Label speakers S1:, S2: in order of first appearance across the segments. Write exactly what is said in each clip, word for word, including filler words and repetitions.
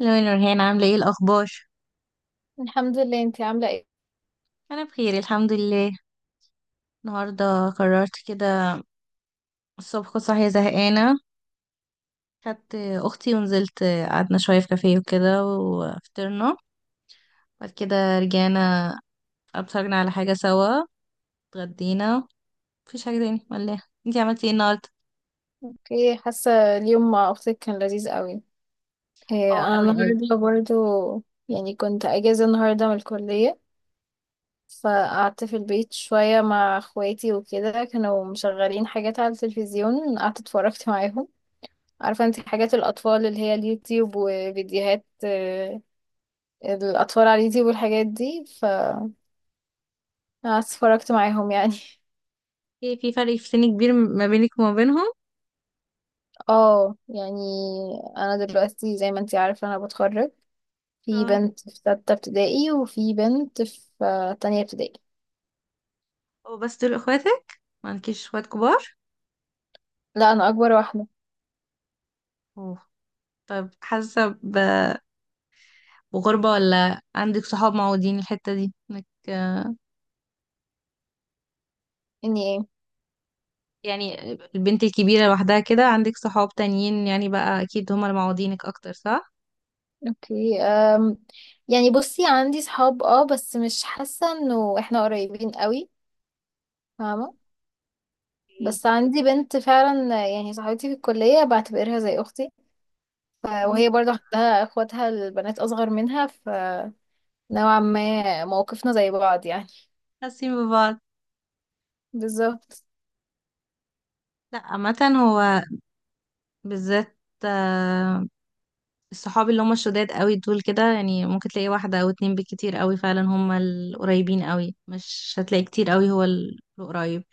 S1: لو نورهان عاملة ايه إيه الأخبار؟
S2: الحمد لله، انتي عاملة ايه.
S1: أنا بخير الحمد لله. النهاردة قررت كده، الصبح كنت صاحية زهقانة، خدت أختي ونزلت، قعدنا شوية في كافيه وكده وفطرنا. بعد كده رجعنا، اتفرجنا على حاجة سوا، اتغدينا. مفيش حاجة تاني ولا؟ انتي عملتي ايه النهاردة؟
S2: اوكي، حاسة اليوم مع اختك كان لذيذ قوي. ايه
S1: اه
S2: انا
S1: أوي أوي.
S2: النهاردة برضو يعني كنت اجازة النهاردة من الكلية، فقعدت في البيت شوية مع اخواتي وكده. كانوا مشغلين حاجات على التلفزيون، قعدت اتفرجت معاهم. عارفة انتي حاجات الاطفال اللي هي اليوتيوب وفيديوهات اه، الاطفال على اليوتيوب والحاجات دي، فقعدت اتفرجت معاهم يعني.
S1: في في فرق في سن كبير ما بينك وما بينهم؟
S2: اه يعني انا دلوقتي زي ما انتي عارفة انا بتخرج. في
S1: اه.
S2: بنت في ستة ابتدائي وفي بنت في آه، تانية ابتدائي.
S1: هو بس دول اخواتك؟ ما عندكيش اخوات كبار؟
S2: لا، أنا أكبر واحدة.
S1: أوه. طب حاسة ب- بغربة ولا عندك صحاب معودين الحتة دي؟ انك
S2: إني إيه.
S1: يعني البنت الكبيرة لوحدها كده، عندك صحاب تانيين يعني بقى أكيد هما اللي معوضينك أكتر صح؟
S2: أوكي. أم يعني بصي، عندي صحاب اه بس مش حاسة إنه إحنا قريبين قوي، فاهمة.
S1: إيه.
S2: بس عندي بنت فعلا آه، يعني صاحبتي في الكلية بعتبرها زي أختي. ف-
S1: مم،
S2: وهي برضه عندها اخواتها البنات أصغر منها، فنوعا ما موقفنا زي بعض يعني.
S1: حاسين ببعض.
S2: بالظبط.
S1: لا عامة، هو بالذات آه، الصحاب اللي هما الشداد قوي دول كده يعني ممكن تلاقي واحدة أو اتنين بالكتير، قوي فعلا هما القريبين، قوي مش هتلاقي كتير قوي، هو ال- القريب.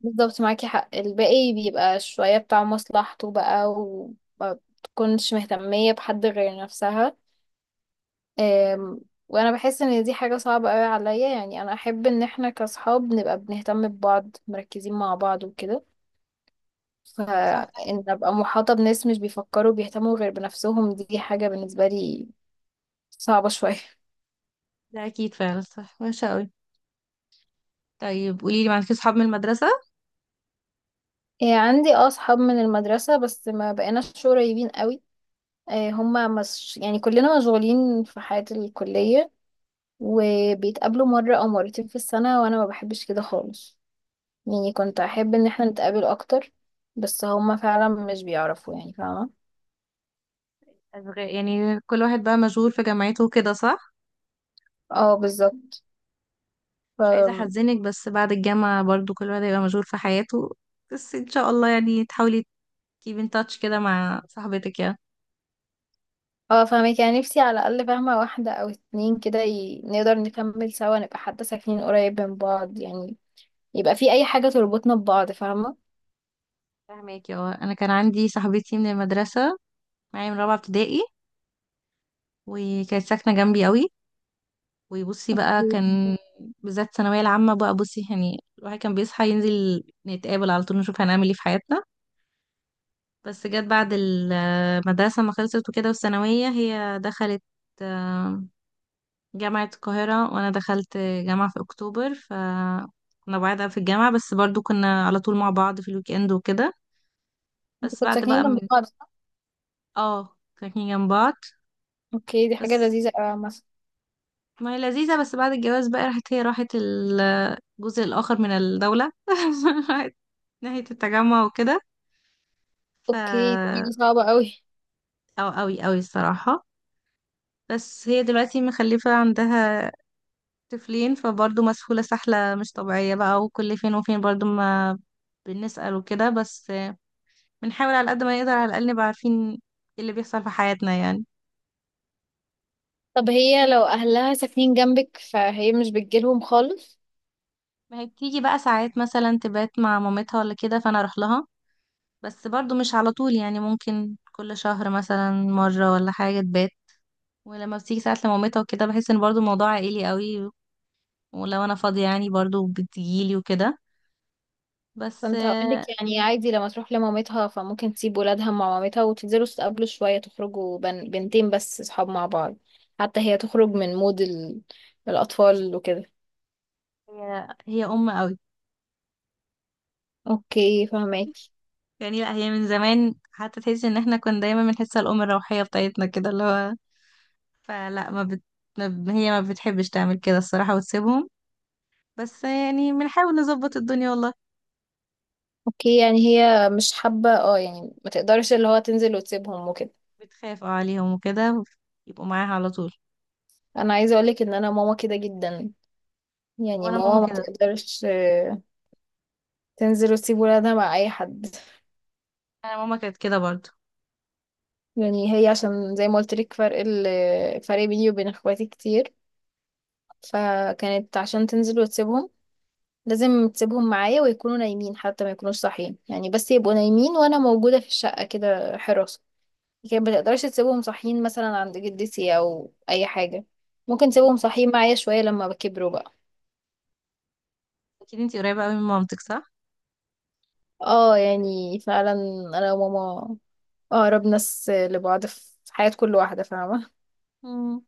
S2: بالظبط، معاكي حق. الباقي بيبقى شوية بتاع مصلحته بقى، وما بتكونش مهتمية بحد غير نفسها. أم، وانا بحس ان دي حاجة صعبة قوي عليا. يعني انا احب ان احنا كاصحاب نبقى بنهتم ببعض، مركزين مع بعض وكده.
S1: صح ده حقيقي.
S2: فان ابقى محاطة بناس مش بيفكروا بيهتموا غير بنفسهم، دي حاجة بالنسبة لي صعبة شوية.
S1: ده أكيد فعلا صح، وحشة قوي. طيب قوليلي، معاكي صحاب من المدرسة؟
S2: إيه، عندي اه اصحاب من المدرسة بس ما بقيناش قريبين قوي. إيه، هما مش يعني، كلنا مشغولين في حياة الكلية، وبيتقابلوا مرة أو مرتين في السنة. وأنا ما بحبش كده خالص، يعني كنت أحب إن احنا نتقابل أكتر. بس هما فعلا مش بيعرفوا يعني، فاهمة.
S1: أشغال- يعني كل واحد بقى مشغول في جامعته وكده صح؟
S2: اه بالظبط. ف...
S1: مش عايزة أحزنك بس بعد الجامعة برضو كل واحد هيبقى مشغول في حياته، بس إن شاء الله يعني تحاولي keep in touch كده مع صاحبتك يا.
S2: اه فاهمك. يعني نفسي على الأقل فاهمة واحدة أو اتنين كده ي... نقدر نكمل سوا، نبقى حتى ساكنين قريب من بعض يعني، يبقى في أي حاجة تربطنا ببعض، فاهمة.
S1: فاهمك يا، أنا كان عندي صاحبتي من المدرسة، معايا من رابعة ابتدائي، وكانت ساكنة جنبي قوي. وبصي بقى
S2: أوكي.
S1: كان بالذات الثانوية العامة بقى، بصي يعني الواحد كان بيصحى ينزل نتقابل على طول، نشوف هنعمل ايه في حياتنا. بس جت بعد المدرسة ما خلصت وكده والثانوية، هي دخلت جامعة القاهرة وأنا دخلت جامعة في أكتوبر، ف كنا بعاد في الجامعة، بس برضو كنا على طول مع بعض في الويكند وكده.
S2: انتوا
S1: بس
S2: كنتوا
S1: بعد
S2: ساكنين
S1: بقى
S2: جنب
S1: من...
S2: بعض صح؟
S1: اه ساكنين جنب بعض.
S2: اوكي، دي حاجة
S1: بس
S2: لذيذة أوي مثلا.
S1: ما هي لذيذة، بس بعد الجواز بقى راحت، هي راحت ال- الجزء الآخر من الدولة راحت ناحية التجمع وكده، ف
S2: اوكي، دي صعبة أوي.
S1: أو أوي أوي الصراحة. بس هي دلوقتي مخلفة عندها طفلين، فبرضه مسحولة سحلة مش طبيعية بقى، وكل فين وفين برضه ما بنسأل وكده، بس بنحاول على قد ما نقدر على الأقل نبقى عارفين ايه اللي بيحصل في حياتنا يعني.
S2: طب هي لو أهلها ساكنين جنبك فهي مش بتجيلهم خالص؟
S1: ما هي بتيجي بقى ساعات مثلا تبات مع مامتها ولا كده فأنا أروح لها، بس برضو مش على طول يعني، ممكن كل شهر مثلا مرة ولا حاجة تبات. ولما بتيجي ساعات لمامتها وكده بحس ان برضو الموضوع عائلي قوي، ولو أنا فاضية يعني برضو بتجيلي وكده، بس
S2: كنت هقولك
S1: آه،
S2: يعني عادي، لما تروح لمامتها فممكن تسيب ولادها مع مامتها، وتنزلوا تتقابلوا شوية، تخرجوا بن... بنتين بس صحاب مع بعض، حتى هي تخرج من مود ال... الأطفال وكده.
S1: هي هي أم قوي
S2: اوكي فهماكي.
S1: يعني. لا هي من زمان حتى تحس ان احنا كنا دايما بنحسها الأم الروحية بتاعتنا كده اللي هو، فلا ما بت... ما- ب- هي ما بتحبش تعمل كده الصراحة وتسيبهم، بس يعني بنحاول نظبط الدنيا والله.
S2: اوكي، يعني هي مش حابة اه، يعني ما تقدرش اللي هو تنزل وتسيبهم وكده.
S1: بتخاف اه عليهم وكده، يبقوا معاها على طول.
S2: انا عايزة اقولك ان انا ماما كده جدا. يعني
S1: وانا ماما
S2: ماما
S1: مم.
S2: ما
S1: كده،
S2: تقدرش آه، تنزل وتسيب ولادها مع اي حد.
S1: انا ماما كانت كده برضو.
S2: يعني هي عشان زي ما قلت لك فرق ال... فرق بيني وبين اخواتي كتير، فكانت عشان تنزل وتسيبهم لازم تسيبهم معايا، ويكونوا نايمين حتى، ما يكونوش صاحيين يعني، بس يبقوا نايمين وانا موجودة في الشقة كده حراسة. لكن ما تقدرش تسيبهم صاحيين مثلا عند جدتي او اي حاجة. ممكن تسيبهم صاحيين معايا شوية لما بكبروا بقى.
S1: اكيد انتي قريبة قوي من مامتك صح؟
S2: اه يعني فعلا، انا وماما اقرب ناس لبعض في حياة كل واحدة، فاهمة.
S1: امم.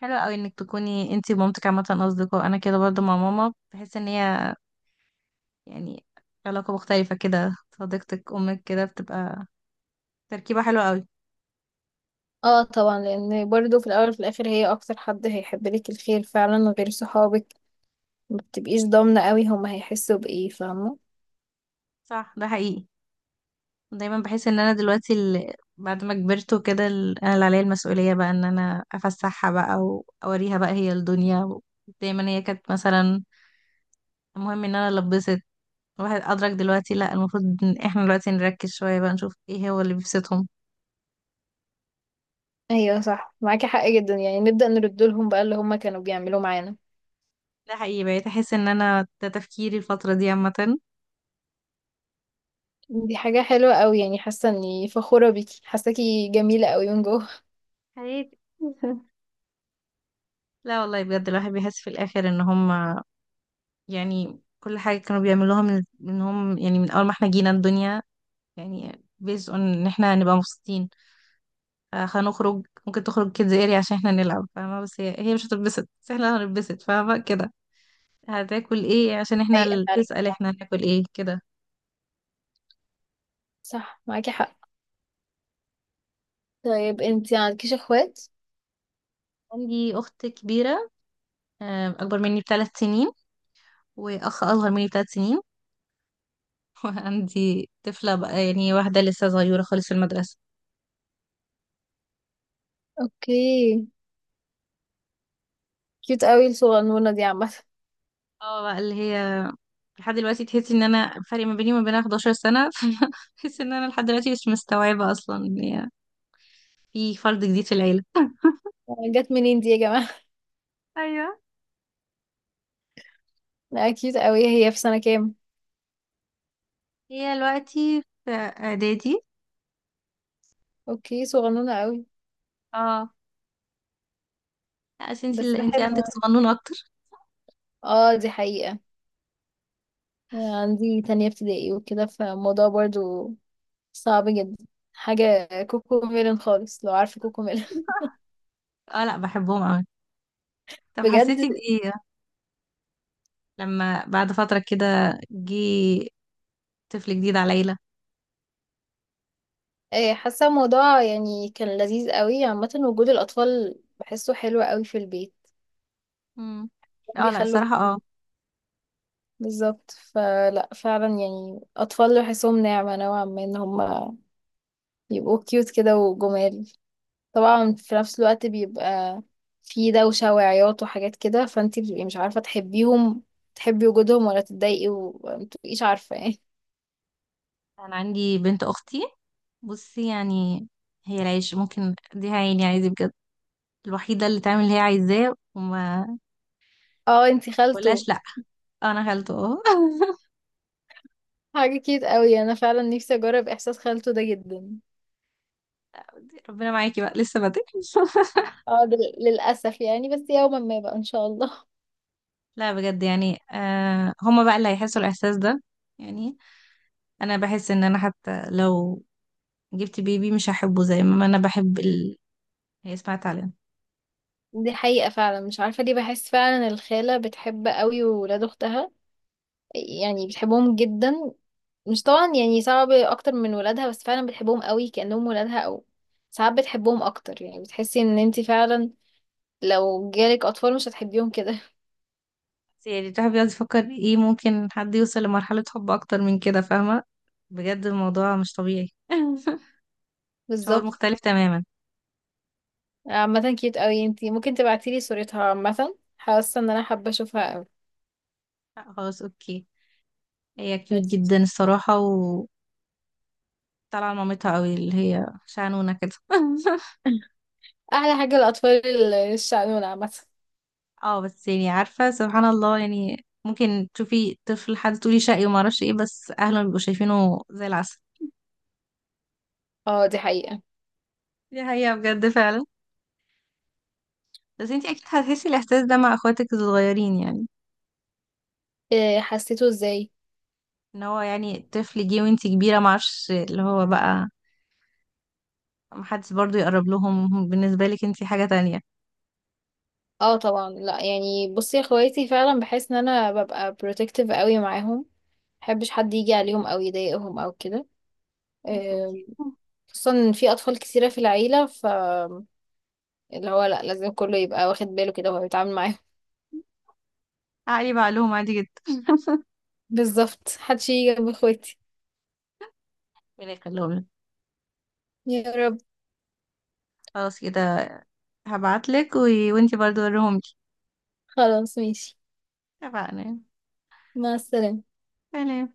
S1: حلو قوي انك تكوني انتي ومامتك عامة اصدقاء، انا كده برضو مع ماما، بحس ان هي يعني علاقة مختلفة كده، صديقتك امك كده بتبقى تركيبة حلوة قوي.
S2: اه طبعا، لان برضو في الاول وفي الاخر هي اكتر حد هيحب لك الخير فعلا. غير صحابك ما بتبقيش ضامنة قوي هما هيحسوا بايه، فاهمة.
S1: صح ده حقيقي. دايما بحس ان انا دلوقتي ال... بعد ما كبرت وكده ال... انا اللي عليا المسؤوليه بقى ان انا افسحها بقى، واوريها بقى هي الدنيا. دايما هي كانت مثلا المهم ان انا لبست، الواحد ادرك دلوقتي لا، المفروض ان احنا دلوقتي نركز شويه بقى نشوف ايه هو اللي بيبسطهم.
S2: ايوه صح، معاكي حق جدا. يعني نبدأ نرد لهم بقى اللي هما كانوا بيعملوه معانا.
S1: ده حقيقي، بقيت احس ان انا ده تفكيري الفتره دي عامه،
S2: دي حاجة حلوة قوي، يعني حاسة اني فخورة بيكي، حاساكي جميلة قوي من جوه.
S1: حياتي لا والله بجد الواحد بيحس في الاخر ان هم يعني كل حاجه كانوا بيعملوها من من هم يعني، من اول ما احنا جينا الدنيا يعني based on ان احنا هنبقى مبسوطين. آه، هنخرج ممكن تخرج كيدز اريا عشان احنا نلعب، فاهمة، بس هي هي مش هتتبسط بس احنا هنتبسط، فاهمة كده. هتاكل ايه عشان احنا،
S2: حقيقة
S1: اللي
S2: فعلا.
S1: تسأل احنا هناكل ايه كده.
S2: صح معاكي حق. طيب انتي عندكيش اخوات؟
S1: عندي أخت كبيرة آه، أكبر مني بثلاث سنين، وأخ أصغر مني بثلاث سنين وعندي طفلة بقى يعني، واحدة لسه صغيرة خالص في المدرسة.
S2: اوكي. كيوت قوي الصغنونة دي عامة.
S1: اه بقى اللي هي لحد دلوقتي تحسي ان انا فرق ما بيني وما بينها إحدى عشرة سنة تحس ان انا لحد دلوقتي مش مستوعبة اصلا ان هي في فرد جديد في العيلة.
S2: جت منين دي يا جماعة.
S1: ايوه.
S2: لا كيوت قوي، هي في سنة كام؟
S1: هي دلوقتي في اعدادي.
S2: اوكي صغنونة قوي.
S1: اه. لا، عشان انت
S2: بس
S1: اللي انت
S2: حلوة.
S1: عندك صغنون اكتر
S2: اه دي حقيقة. عندي تانية ابتدائي وكده، فالموضوع برضو صعب جدا، حاجة كوكو ميلن خالص، لو عارفة كوكو ميلن.
S1: اه لا بحبهم قوي. طب
S2: بجد
S1: حسيتي بايه لما بعد فترة كده جه طفل جديد على ليلى؟
S2: آه، حاسه الموضوع يعني كان لذيذ قوي. عامه وجود الاطفال بحسه حلو قوي في البيت،
S1: امم. اه لا
S2: بيخلوا.
S1: الصراحة اه.
S2: بالظبط، فلا فعلا يعني اطفال بحسهم نعمه نوعا ما، ان هم يبقوا كيوت كده وجمال. طبعا في نفس الوقت بيبقى في دوشه وعياط وحاجات كده، فانتي بتبقي مش عارفه تحبيهم، تحبي وجودهم ولا تتضايقي، ومتبقيش عارفه ايه.
S1: انا عندي بنت اختي، بصي يعني هي العيش ممكن اديها عيني عادي بجد، الوحيدة اللي تعمل اللي هي عايزاه وما
S2: اه انتي خالته.
S1: بقولهاش لا. آه، انا خالته اه
S2: حاجه كيوت قوي، انا فعلا نفسي اجرب احساس خالته ده جدا.
S1: ربنا معاكي بقى لسه بدري
S2: اه لل- للأسف يعني، بس يوما ما بقى إن شاء الله.
S1: لا بجد يعني آه، هما بقى اللي هيحسوا الاحساس ده يعني. انا بحس ان انا حتى لو جبت بيبي مش هحبه زي ما انا بحب ال... هي اسمها تعليم.
S2: دي حقيقة فعلا، مش عارفة ليه بحس فعلا الخالة بتحب قوي ولاد أختها، يعني بتحبهم جدا. مش طبعا يعني صعب أكتر من ولادها، بس فعلا بتحبهم قوي كأنهم ولادها، أو ساعات بتحبهم أكتر. يعني بتحسي إن انتي فعلا لو جالك أطفال مش هتحبيهم كده.
S1: بس يعني الواحد بيقعد يفكر، ايه ممكن حد يوصل لمرحلة حب اكتر من كده؟ فاهمة، بجد الموضوع مش طبيعي شعور
S2: بالظبط.
S1: مختلف تماما.
S2: عامة كيوت قوي، انتي ممكن تبعتيلي صورتها عامة، حاسة إن أنا حابة أشوفها قوي.
S1: لا، خلاص اوكي. هي كيوت
S2: ماشي.
S1: جدا الصراحة، وطالعة مامتها قوي اللي هي شعنونة كده
S2: أحلى حاجة الأطفال الشقنونة عامة.
S1: اه بس يعني عارفة سبحان الله، يعني ممكن تشوفي طفل حد تقولي شقي وما اعرفش ايه، بس اهله بيبقوا شايفينه زي العسل.
S2: اه دي حقيقة.
S1: دي حقيقة بجد فعلا. بس انتي اكيد هتحسي الاحساس ده مع اخواتك الصغيرين يعني،
S2: إيه، حسيته ازاي.
S1: ان هو يعني طفل جه وانتي كبيرة معرفش اللي هو بقى، محدش برضو يقرب لهم، بالنسبة لك انتي حاجة تانية.
S2: اه طبعا، لا يعني بصي، يا اخواتي فعلا بحس ان انا ببقى بروتكتيف قوي معاهم، محبش حد يجي عليهم او يضايقهم او كده.
S1: يا
S2: إيه،
S1: خوكي.
S2: خصوصا ان في اطفال كثيره في العيله، فاللي هو لا لازم كله يبقى واخد باله كده وهو بيتعامل معاهم.
S1: عقلي بقى لهم عادي جدا.
S2: بالظبط، محدش يجي جنب اخواتي.
S1: ربنا يخليهم لك.
S2: يا رب.
S1: خلاص كده، هبعتلك و... وانتي برضو وريهم لي.
S2: خلاص ماشي.
S1: اتفقنا.
S2: مع السلامه.
S1: سلام.